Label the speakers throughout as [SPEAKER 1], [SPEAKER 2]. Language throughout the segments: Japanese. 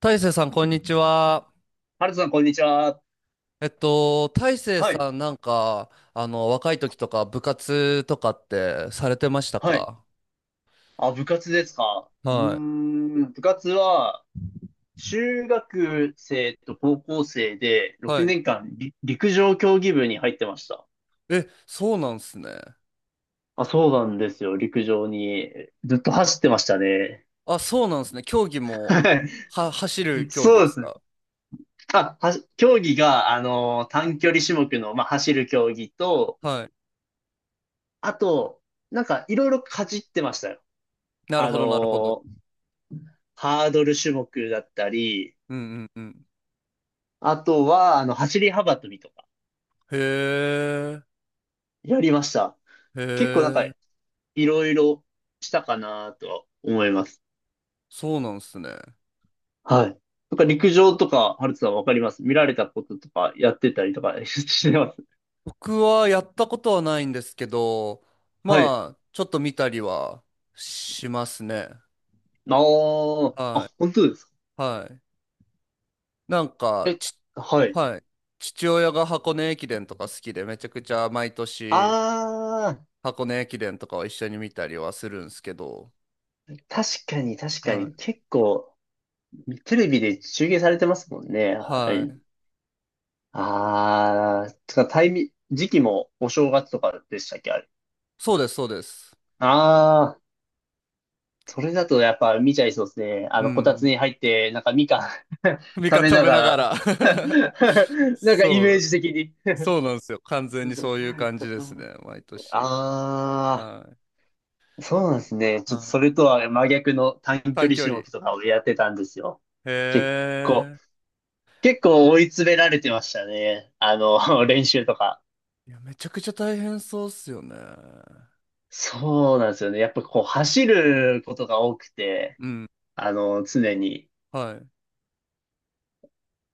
[SPEAKER 1] 大成さん、こんにちは。
[SPEAKER 2] ハルトさん、こんにちは。
[SPEAKER 1] 大成
[SPEAKER 2] はい、
[SPEAKER 1] さん、若い時とか、部活とかってされてました
[SPEAKER 2] はい。
[SPEAKER 1] か？
[SPEAKER 2] あ、部活ですか。うー
[SPEAKER 1] はい。
[SPEAKER 2] ん、部活は、中学生と高校生で
[SPEAKER 1] は
[SPEAKER 2] 6
[SPEAKER 1] い。
[SPEAKER 2] 年間り陸上競技部に入ってました。
[SPEAKER 1] え、そうなんすね。
[SPEAKER 2] あ、そうなんですよ。陸上に。ずっと走ってましたね。
[SPEAKER 1] あ、そうなんすね。競技 も、
[SPEAKER 2] はい。
[SPEAKER 1] は、走る競技
[SPEAKER 2] そ
[SPEAKER 1] で
[SPEAKER 2] うで
[SPEAKER 1] す
[SPEAKER 2] すね。
[SPEAKER 1] か？
[SPEAKER 2] あ、競技が、短距離種目の、まあ、走る競技と、
[SPEAKER 1] はい。
[SPEAKER 2] あと、なんか、いろいろかじってましたよ。
[SPEAKER 1] なる
[SPEAKER 2] あ
[SPEAKER 1] ほ
[SPEAKER 2] の
[SPEAKER 1] ど、なるほど。
[SPEAKER 2] ーハードル種目だったり、
[SPEAKER 1] うんうんうん。
[SPEAKER 2] あとは、あの、走り幅跳びとか、
[SPEAKER 1] へえ、
[SPEAKER 2] やりました。
[SPEAKER 1] へ
[SPEAKER 2] 結構なんか、
[SPEAKER 1] え、
[SPEAKER 2] いろいろしたかなとは思います。
[SPEAKER 1] そうなんすね。
[SPEAKER 2] はい。なんか陸上とか、ハルトさんわかります見られたこととか、やってたりとか してます？
[SPEAKER 1] 僕はやったことはないんですけど、
[SPEAKER 2] はい。
[SPEAKER 1] まあ、ちょっと見たりはしますね。
[SPEAKER 2] あー、あ、
[SPEAKER 1] は
[SPEAKER 2] 本当ですか？
[SPEAKER 1] い。はい。なんか、
[SPEAKER 2] え、
[SPEAKER 1] ち、
[SPEAKER 2] はい。
[SPEAKER 1] はい。父親が箱根駅伝とか好きで、めちゃくちゃ毎
[SPEAKER 2] あ
[SPEAKER 1] 年
[SPEAKER 2] ー、
[SPEAKER 1] 箱根駅伝とかを一緒に見たりはするんですけど。
[SPEAKER 2] 確かに確か
[SPEAKER 1] は
[SPEAKER 2] に。
[SPEAKER 1] い。
[SPEAKER 2] 結構、テレビで中継されてますもんね。は
[SPEAKER 1] はい。
[SPEAKER 2] い。あー、つかタイミ、時期もお正月とかでしたっけ、あれ？
[SPEAKER 1] そうです、そうです。
[SPEAKER 2] あ、それだとやっぱ見ちゃいそうですね。あ
[SPEAKER 1] う
[SPEAKER 2] の、こたつ
[SPEAKER 1] ん。
[SPEAKER 2] に入って、なんかみかん
[SPEAKER 1] 味
[SPEAKER 2] 食
[SPEAKER 1] 方
[SPEAKER 2] べ
[SPEAKER 1] 食
[SPEAKER 2] な
[SPEAKER 1] べ
[SPEAKER 2] が
[SPEAKER 1] なが
[SPEAKER 2] ら
[SPEAKER 1] ら
[SPEAKER 2] なんかイ
[SPEAKER 1] そ
[SPEAKER 2] メー
[SPEAKER 1] う、
[SPEAKER 2] ジ的に。
[SPEAKER 1] そうなんですよ。完全にそういう感じですね、毎年。
[SPEAKER 2] あ
[SPEAKER 1] はい。
[SPEAKER 2] あ、そうなんですね。ちょっ
[SPEAKER 1] は
[SPEAKER 2] とそ
[SPEAKER 1] い。
[SPEAKER 2] れとは真逆の短距
[SPEAKER 1] 短
[SPEAKER 2] 離
[SPEAKER 1] 距
[SPEAKER 2] 種目
[SPEAKER 1] 離。
[SPEAKER 2] とかをやってたんですよ。結
[SPEAKER 1] へ
[SPEAKER 2] 構、
[SPEAKER 1] え。
[SPEAKER 2] 結構追い詰められてましたね。あの、練習とか。
[SPEAKER 1] いや、めちゃくちゃ大変そうっすよね。
[SPEAKER 2] そうなんですよね。やっぱこう走ることが多くて、
[SPEAKER 1] うん。
[SPEAKER 2] あの、常に。
[SPEAKER 1] はい。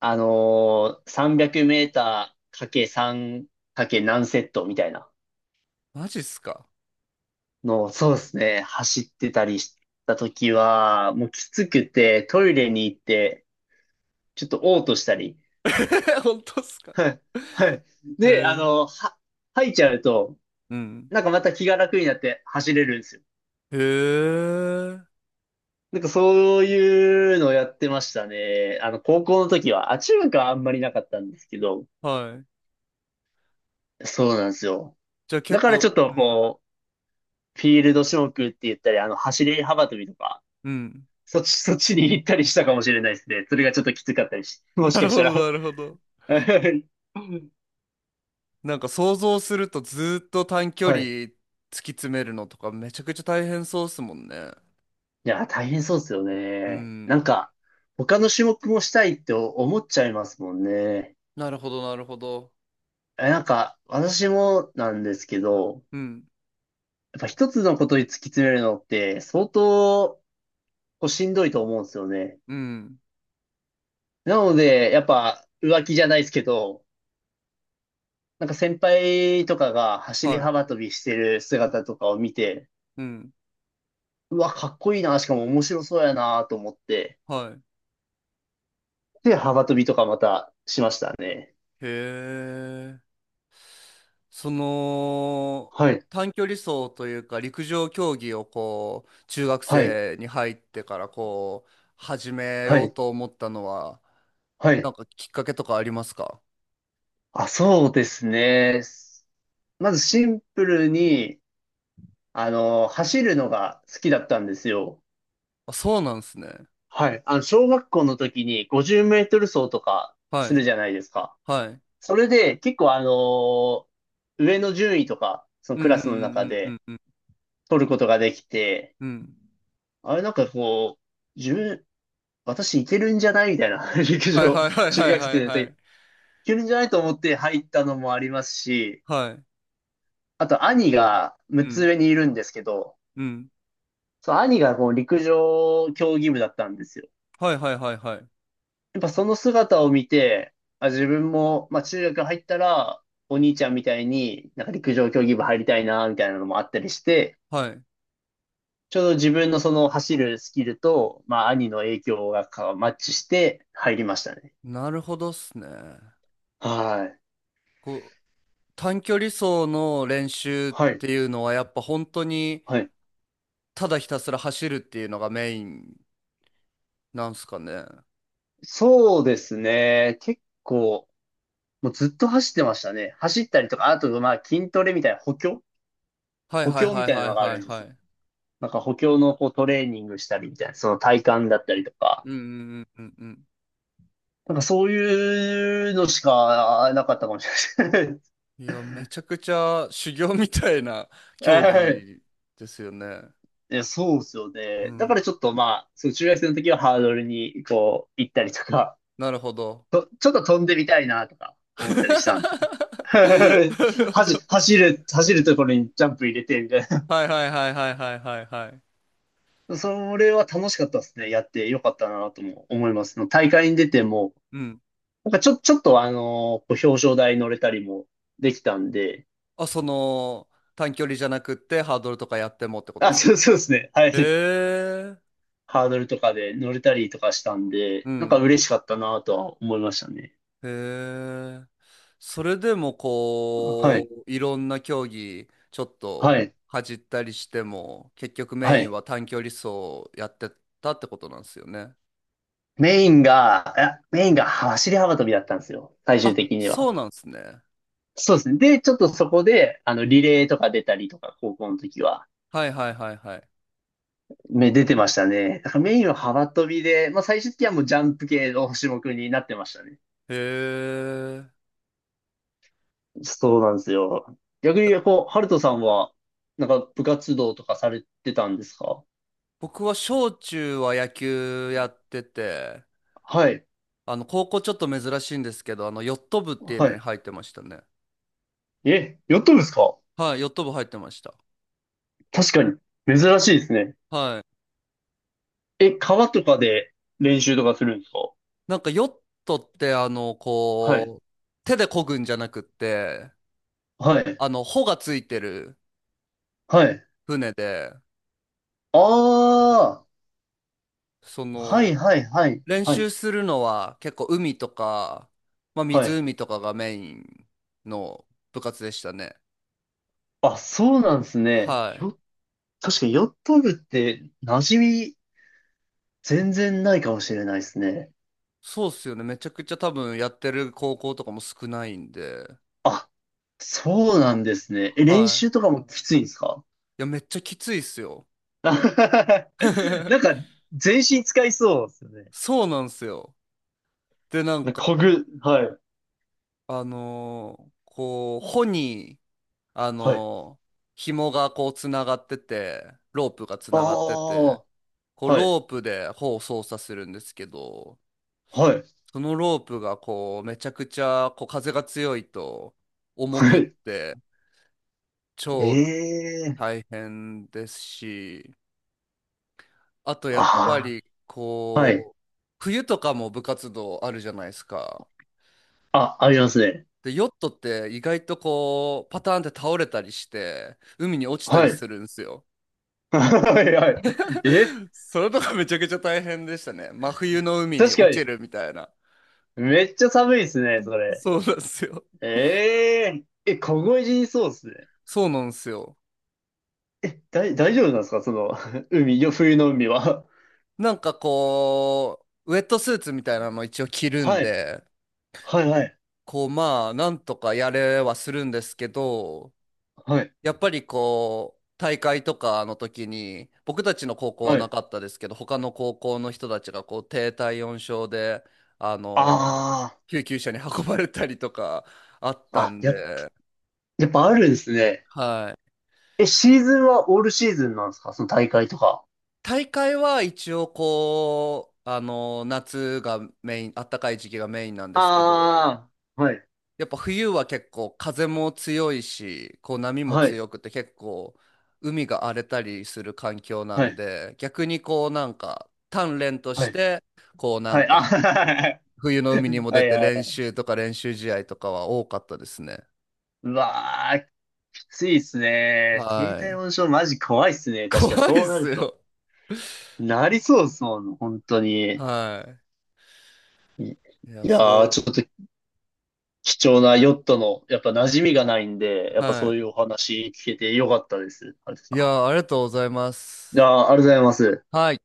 [SPEAKER 2] 300メーターかけ3かけ何セットみたいな
[SPEAKER 1] マジっすか？
[SPEAKER 2] のを、そうですね、走ってたりした時は、もうきつくて、トイレに行って、ちょっと嘔吐したり、
[SPEAKER 1] 本当っすか？
[SPEAKER 2] はい、はい。
[SPEAKER 1] へ
[SPEAKER 2] で、
[SPEAKER 1] え。
[SPEAKER 2] 吐いちゃうと、
[SPEAKER 1] うん。
[SPEAKER 2] なんかまた気が楽になって走れるんですよ。
[SPEAKER 1] へえ。
[SPEAKER 2] なんかそういうのをやってましたね。あの、高校の時は、あ、中学はあんまりなかったんですけど、
[SPEAKER 1] はい。
[SPEAKER 2] そうなんですよ。
[SPEAKER 1] じゃあ
[SPEAKER 2] だ
[SPEAKER 1] 結
[SPEAKER 2] からち
[SPEAKER 1] 構、
[SPEAKER 2] ょっと
[SPEAKER 1] うん。
[SPEAKER 2] フィールド種目って言ったり、あの、走り幅跳びとか、
[SPEAKER 1] うん。
[SPEAKER 2] そっち、そっちに行ったりしたかもしれないですね。それがちょっときつかったりし、もし
[SPEAKER 1] なる
[SPEAKER 2] かし
[SPEAKER 1] ほど、
[SPEAKER 2] たら。
[SPEAKER 1] なるほど。
[SPEAKER 2] は
[SPEAKER 1] なんか想像するとずーっと短距離
[SPEAKER 2] い。
[SPEAKER 1] 突き詰めるのとかめちゃくちゃ大変そうっすもんね。
[SPEAKER 2] いや、大変そうですよ
[SPEAKER 1] う
[SPEAKER 2] ね。な
[SPEAKER 1] ん。
[SPEAKER 2] んか、他の種目もしたいって思っちゃいますもんね。
[SPEAKER 1] なるほど、なるほど。
[SPEAKER 2] え、なんか、私もなんですけど、
[SPEAKER 1] うん。
[SPEAKER 2] やっぱ一つのことに突き詰めるのって相当こうしんどいと思うんですよね。
[SPEAKER 1] うん。
[SPEAKER 2] なので、やっぱ浮気じゃないですけど、なんか先輩とかが走り
[SPEAKER 1] はい。
[SPEAKER 2] 幅跳びしてる姿とかを見て、
[SPEAKER 1] うん。
[SPEAKER 2] うわ、かっこいいな、しかも面白そうやなと思って、
[SPEAKER 1] はい。
[SPEAKER 2] で、幅跳びとかまたしましたね。
[SPEAKER 1] へえ。その、
[SPEAKER 2] はい、
[SPEAKER 1] 短距離走というか陸上競技をこう、中学
[SPEAKER 2] はい、
[SPEAKER 1] 生に入ってからこう、始め
[SPEAKER 2] は
[SPEAKER 1] よう
[SPEAKER 2] い、
[SPEAKER 1] と思ったのは、
[SPEAKER 2] は
[SPEAKER 1] な
[SPEAKER 2] い。
[SPEAKER 1] んかきっかけとかありますか？
[SPEAKER 2] あ、そうですね。まずシンプルに、あの、走るのが好きだったんですよ。
[SPEAKER 1] あ、そうなんですね。
[SPEAKER 2] はい。あの、小学校の時に50メートル走とか
[SPEAKER 1] は
[SPEAKER 2] する
[SPEAKER 1] い。
[SPEAKER 2] じゃないですか。
[SPEAKER 1] はい。
[SPEAKER 2] それで結構あの、上の順位とか、その
[SPEAKER 1] う
[SPEAKER 2] ク
[SPEAKER 1] ん
[SPEAKER 2] ラ
[SPEAKER 1] う
[SPEAKER 2] スの
[SPEAKER 1] ん
[SPEAKER 2] 中
[SPEAKER 1] うんう
[SPEAKER 2] で、
[SPEAKER 1] んうん
[SPEAKER 2] 取ることができて、
[SPEAKER 1] うん。うん。
[SPEAKER 2] あれなんかこう、私いけるんじゃないみたいな、陸
[SPEAKER 1] はい
[SPEAKER 2] 上、
[SPEAKER 1] はいはい
[SPEAKER 2] 中
[SPEAKER 1] はい
[SPEAKER 2] 学
[SPEAKER 1] はい
[SPEAKER 2] 生
[SPEAKER 1] は
[SPEAKER 2] でい
[SPEAKER 1] い。
[SPEAKER 2] けるんじゃないと思って入ったのもありますし、
[SPEAKER 1] はい。
[SPEAKER 2] あと兄が
[SPEAKER 1] う
[SPEAKER 2] 6つ
[SPEAKER 1] ん。
[SPEAKER 2] 上にいるんですけど、
[SPEAKER 1] うん。
[SPEAKER 2] そう、兄がこう陸上競技部だったんですよ。
[SPEAKER 1] はいはいはいはい。
[SPEAKER 2] やっぱその姿を見て、あ、自分も、まあ中学入ったら、お兄ちゃんみたいになんか陸上競技部入りたいな、みたいなのもあったりして、
[SPEAKER 1] はい。
[SPEAKER 2] ちょうど自分のその走るスキルと、まあ兄の影響がかマッチして入りましたね。
[SPEAKER 1] なるほどっすね。
[SPEAKER 2] はい。
[SPEAKER 1] こう、短距離走の練習っ
[SPEAKER 2] はい。
[SPEAKER 1] ていうのはやっぱ本当に
[SPEAKER 2] はい。
[SPEAKER 1] ただひたすら走るっていうのがメインなんすかね。
[SPEAKER 2] そうですね。結構、もうずっと走ってましたね。走ったりとか、あとまあ筋トレみたいな補強
[SPEAKER 1] はい
[SPEAKER 2] 補
[SPEAKER 1] はい
[SPEAKER 2] 強み
[SPEAKER 1] はい
[SPEAKER 2] たい
[SPEAKER 1] は
[SPEAKER 2] な
[SPEAKER 1] い
[SPEAKER 2] のがあ
[SPEAKER 1] は
[SPEAKER 2] る
[SPEAKER 1] い
[SPEAKER 2] んで
[SPEAKER 1] は
[SPEAKER 2] す。
[SPEAKER 1] い。
[SPEAKER 2] なんか補強のこうトレーニングしたりみたいな、その体幹だったりとか。
[SPEAKER 1] うんうんうんうん
[SPEAKER 2] なんかそういうのしかなかったかもしれない。
[SPEAKER 1] うん。いや、めちゃくちゃ修行みたいな競技 ですよね。
[SPEAKER 2] え、そうですよ
[SPEAKER 1] う
[SPEAKER 2] ね。だか
[SPEAKER 1] ん。
[SPEAKER 2] らちょっとまあ、その中学生の時はハードルにこう行ったりとか、
[SPEAKER 1] なるほど。
[SPEAKER 2] と、ちょっと飛んでみたいなとか 思ったりしたんですよ。
[SPEAKER 1] な るほ
[SPEAKER 2] 走、
[SPEAKER 1] ど。
[SPEAKER 2] 走る、走るところにジャンプ入れてみたい
[SPEAKER 1] はいはいはいはいはいはいはい。
[SPEAKER 2] な。それは楽しかったですね。やってよかったなとも思います。その大会に出ても、
[SPEAKER 1] うん。
[SPEAKER 2] なんかちょっとあのこう表彰台乗れたりもできたんで、
[SPEAKER 1] あ、その、短距離じゃなくってハードルとかやってもってこと
[SPEAKER 2] あ、
[SPEAKER 1] ですか？
[SPEAKER 2] そうですね。はい。
[SPEAKER 1] へえ。
[SPEAKER 2] ハードルとかで乗れたりとかしたんで、
[SPEAKER 1] う
[SPEAKER 2] なんか
[SPEAKER 1] ん。
[SPEAKER 2] 嬉しかったなとは思いましたね。
[SPEAKER 1] へえ。それでも
[SPEAKER 2] は
[SPEAKER 1] こ
[SPEAKER 2] い。
[SPEAKER 1] う、いろんな競技、ちょっ
[SPEAKER 2] は
[SPEAKER 1] と
[SPEAKER 2] い。
[SPEAKER 1] 恥じったりしても、結局メ
[SPEAKER 2] は
[SPEAKER 1] イン
[SPEAKER 2] い。
[SPEAKER 1] は短距離走やってたってことなんですよね。
[SPEAKER 2] メインが、いやメインが走り幅跳びだったんですよ。最終
[SPEAKER 1] あ、
[SPEAKER 2] 的に
[SPEAKER 1] そ
[SPEAKER 2] は。
[SPEAKER 1] うなんですね。
[SPEAKER 2] そうですね。で、ちょっとそこで、あの、リレーとか出たりとか、高校の時は、
[SPEAKER 1] はいはいはいはい。へ
[SPEAKER 2] 出てましたね。だからメインは幅跳びで、まあ最終的にはもうジャンプ系の種目になってましたね。
[SPEAKER 1] え。
[SPEAKER 2] そうなんですよ。逆に、こう、ハルトさんは、なんか部活動とかされてたんですか？
[SPEAKER 1] 僕は小中は野球やってて、
[SPEAKER 2] はい。
[SPEAKER 1] 高校ちょっと珍しいんですけど、ヨット部っていう
[SPEAKER 2] は
[SPEAKER 1] のに
[SPEAKER 2] い。
[SPEAKER 1] 入ってましたね。
[SPEAKER 2] え、やったんですか？
[SPEAKER 1] はい、ヨット部入ってました。
[SPEAKER 2] 確かに。珍しいですね。
[SPEAKER 1] はい。
[SPEAKER 2] え、川とかで練習とかするんですか？
[SPEAKER 1] なんかヨットって、
[SPEAKER 2] はい。
[SPEAKER 1] 手で漕ぐんじゃなくって、
[SPEAKER 2] はい。
[SPEAKER 1] 帆がついてる
[SPEAKER 2] はい。
[SPEAKER 1] 船で、
[SPEAKER 2] ああ、
[SPEAKER 1] そ
[SPEAKER 2] はい
[SPEAKER 1] の、
[SPEAKER 2] はいはい、
[SPEAKER 1] 練
[SPEAKER 2] はい、
[SPEAKER 1] 習するのは結構海とか、まあ
[SPEAKER 2] はい。
[SPEAKER 1] 湖とかがメインの部活でしたね。
[SPEAKER 2] あ、そうなんですね。
[SPEAKER 1] はい。
[SPEAKER 2] 確かにヨット部って馴染み全然ないかもしれないですね。
[SPEAKER 1] そうっすよね。めちゃくちゃ多分やってる高校とかも少ないんで。
[SPEAKER 2] あ、そうなんですね。え、練
[SPEAKER 1] は
[SPEAKER 2] 習と
[SPEAKER 1] い。
[SPEAKER 2] かもきついんですか？
[SPEAKER 1] いや、めっちゃきついっすよ。
[SPEAKER 2] なん か、全身使いそうですよね。
[SPEAKER 1] そうなんすよ。で、
[SPEAKER 2] なこぐ、はい、
[SPEAKER 1] 穂に、あ
[SPEAKER 2] はい。
[SPEAKER 1] のー紐がこう、つながってて、ロープがつ
[SPEAKER 2] あ
[SPEAKER 1] ながって
[SPEAKER 2] あ、
[SPEAKER 1] て、こう、
[SPEAKER 2] はい、
[SPEAKER 1] ロープで穂を操作するんですけど、
[SPEAKER 2] はい、
[SPEAKER 1] そのロープがこう、めちゃくちゃ、こう、風が強いと、重
[SPEAKER 2] は
[SPEAKER 1] くっ
[SPEAKER 2] い。
[SPEAKER 1] て、
[SPEAKER 2] え
[SPEAKER 1] 超
[SPEAKER 2] えー、
[SPEAKER 1] 大変ですし、あとやっぱ
[SPEAKER 2] あ
[SPEAKER 1] り
[SPEAKER 2] あ、はい。
[SPEAKER 1] こう冬とかも部活動あるじゃないですか。
[SPEAKER 2] あ、ありますね。
[SPEAKER 1] でヨットって意外とこうパターンって倒れたりして海に落ちたり
[SPEAKER 2] はい。
[SPEAKER 1] す るんですよ。
[SPEAKER 2] はい、はい。え、
[SPEAKER 1] それとかめちゃくちゃ大変でしたね。真冬の海に
[SPEAKER 2] 確
[SPEAKER 1] 落
[SPEAKER 2] か
[SPEAKER 1] ち
[SPEAKER 2] に、
[SPEAKER 1] るみたいな。
[SPEAKER 2] めっちゃ寒いですね、それ。
[SPEAKER 1] そうなんですよ。
[SPEAKER 2] えええ、凍え死にそうですね。
[SPEAKER 1] そうなんですよ。
[SPEAKER 2] え、大丈夫なんですか？その、冬の海は。
[SPEAKER 1] なんかこうウェットスーツみたいなの一応着 るん
[SPEAKER 2] はい、
[SPEAKER 1] で
[SPEAKER 2] はい、はい、
[SPEAKER 1] こうまあなんとかやれはするんですけど、
[SPEAKER 2] はい、
[SPEAKER 1] やっぱりこう、大会とかの時に、僕たちの高校は
[SPEAKER 2] は
[SPEAKER 1] な
[SPEAKER 2] い。
[SPEAKER 1] かったですけど、他の高校の人たちがこう、低体温症で、あの、
[SPEAKER 2] あ
[SPEAKER 1] 救急車に運ばれたりとかあった
[SPEAKER 2] あ、あ、
[SPEAKER 1] んで、
[SPEAKER 2] やっぱあるんですね。
[SPEAKER 1] はい。
[SPEAKER 2] え、シーズンはオールシーズンなんですか？その大会とか。
[SPEAKER 1] 大会は一応こう、夏がメイン、暖かい時期がメインなんですけど、
[SPEAKER 2] ああ、はい、
[SPEAKER 1] やっぱ冬は結構風も強いし、こう波も
[SPEAKER 2] はい、
[SPEAKER 1] 強くて結構海が荒れたりする環境な
[SPEAKER 2] は
[SPEAKER 1] ん
[SPEAKER 2] い、
[SPEAKER 1] で、逆にこうなんか鍛錬と
[SPEAKER 2] は
[SPEAKER 1] し
[SPEAKER 2] い、
[SPEAKER 1] て、こうなん
[SPEAKER 2] はい、あ、
[SPEAKER 1] か
[SPEAKER 2] は
[SPEAKER 1] 冬の海にも出
[SPEAKER 2] い、
[SPEAKER 1] て
[SPEAKER 2] は
[SPEAKER 1] 練
[SPEAKER 2] い。
[SPEAKER 1] 習とか練習試合とかは多かったですね。
[SPEAKER 2] うわあ、きついっすね。低
[SPEAKER 1] は
[SPEAKER 2] 体
[SPEAKER 1] い。
[SPEAKER 2] 温症マジ怖いっす ね。確か
[SPEAKER 1] 怖いっ
[SPEAKER 2] そうな
[SPEAKER 1] す
[SPEAKER 2] ると。
[SPEAKER 1] よ。
[SPEAKER 2] なりそうですもん、本当に。
[SPEAKER 1] は
[SPEAKER 2] い
[SPEAKER 1] い。いや、
[SPEAKER 2] いやー、ち
[SPEAKER 1] そ
[SPEAKER 2] ょっと貴重なヨットの、やっぱ馴染みがないんで、や
[SPEAKER 1] う。
[SPEAKER 2] っぱ
[SPEAKER 1] は
[SPEAKER 2] そういうお話聞けてよかったです。あれ
[SPEAKER 1] い。い
[SPEAKER 2] さ
[SPEAKER 1] や、ありがとうございま
[SPEAKER 2] ん。いや
[SPEAKER 1] す。
[SPEAKER 2] ー、ありがとうございます。
[SPEAKER 1] はい。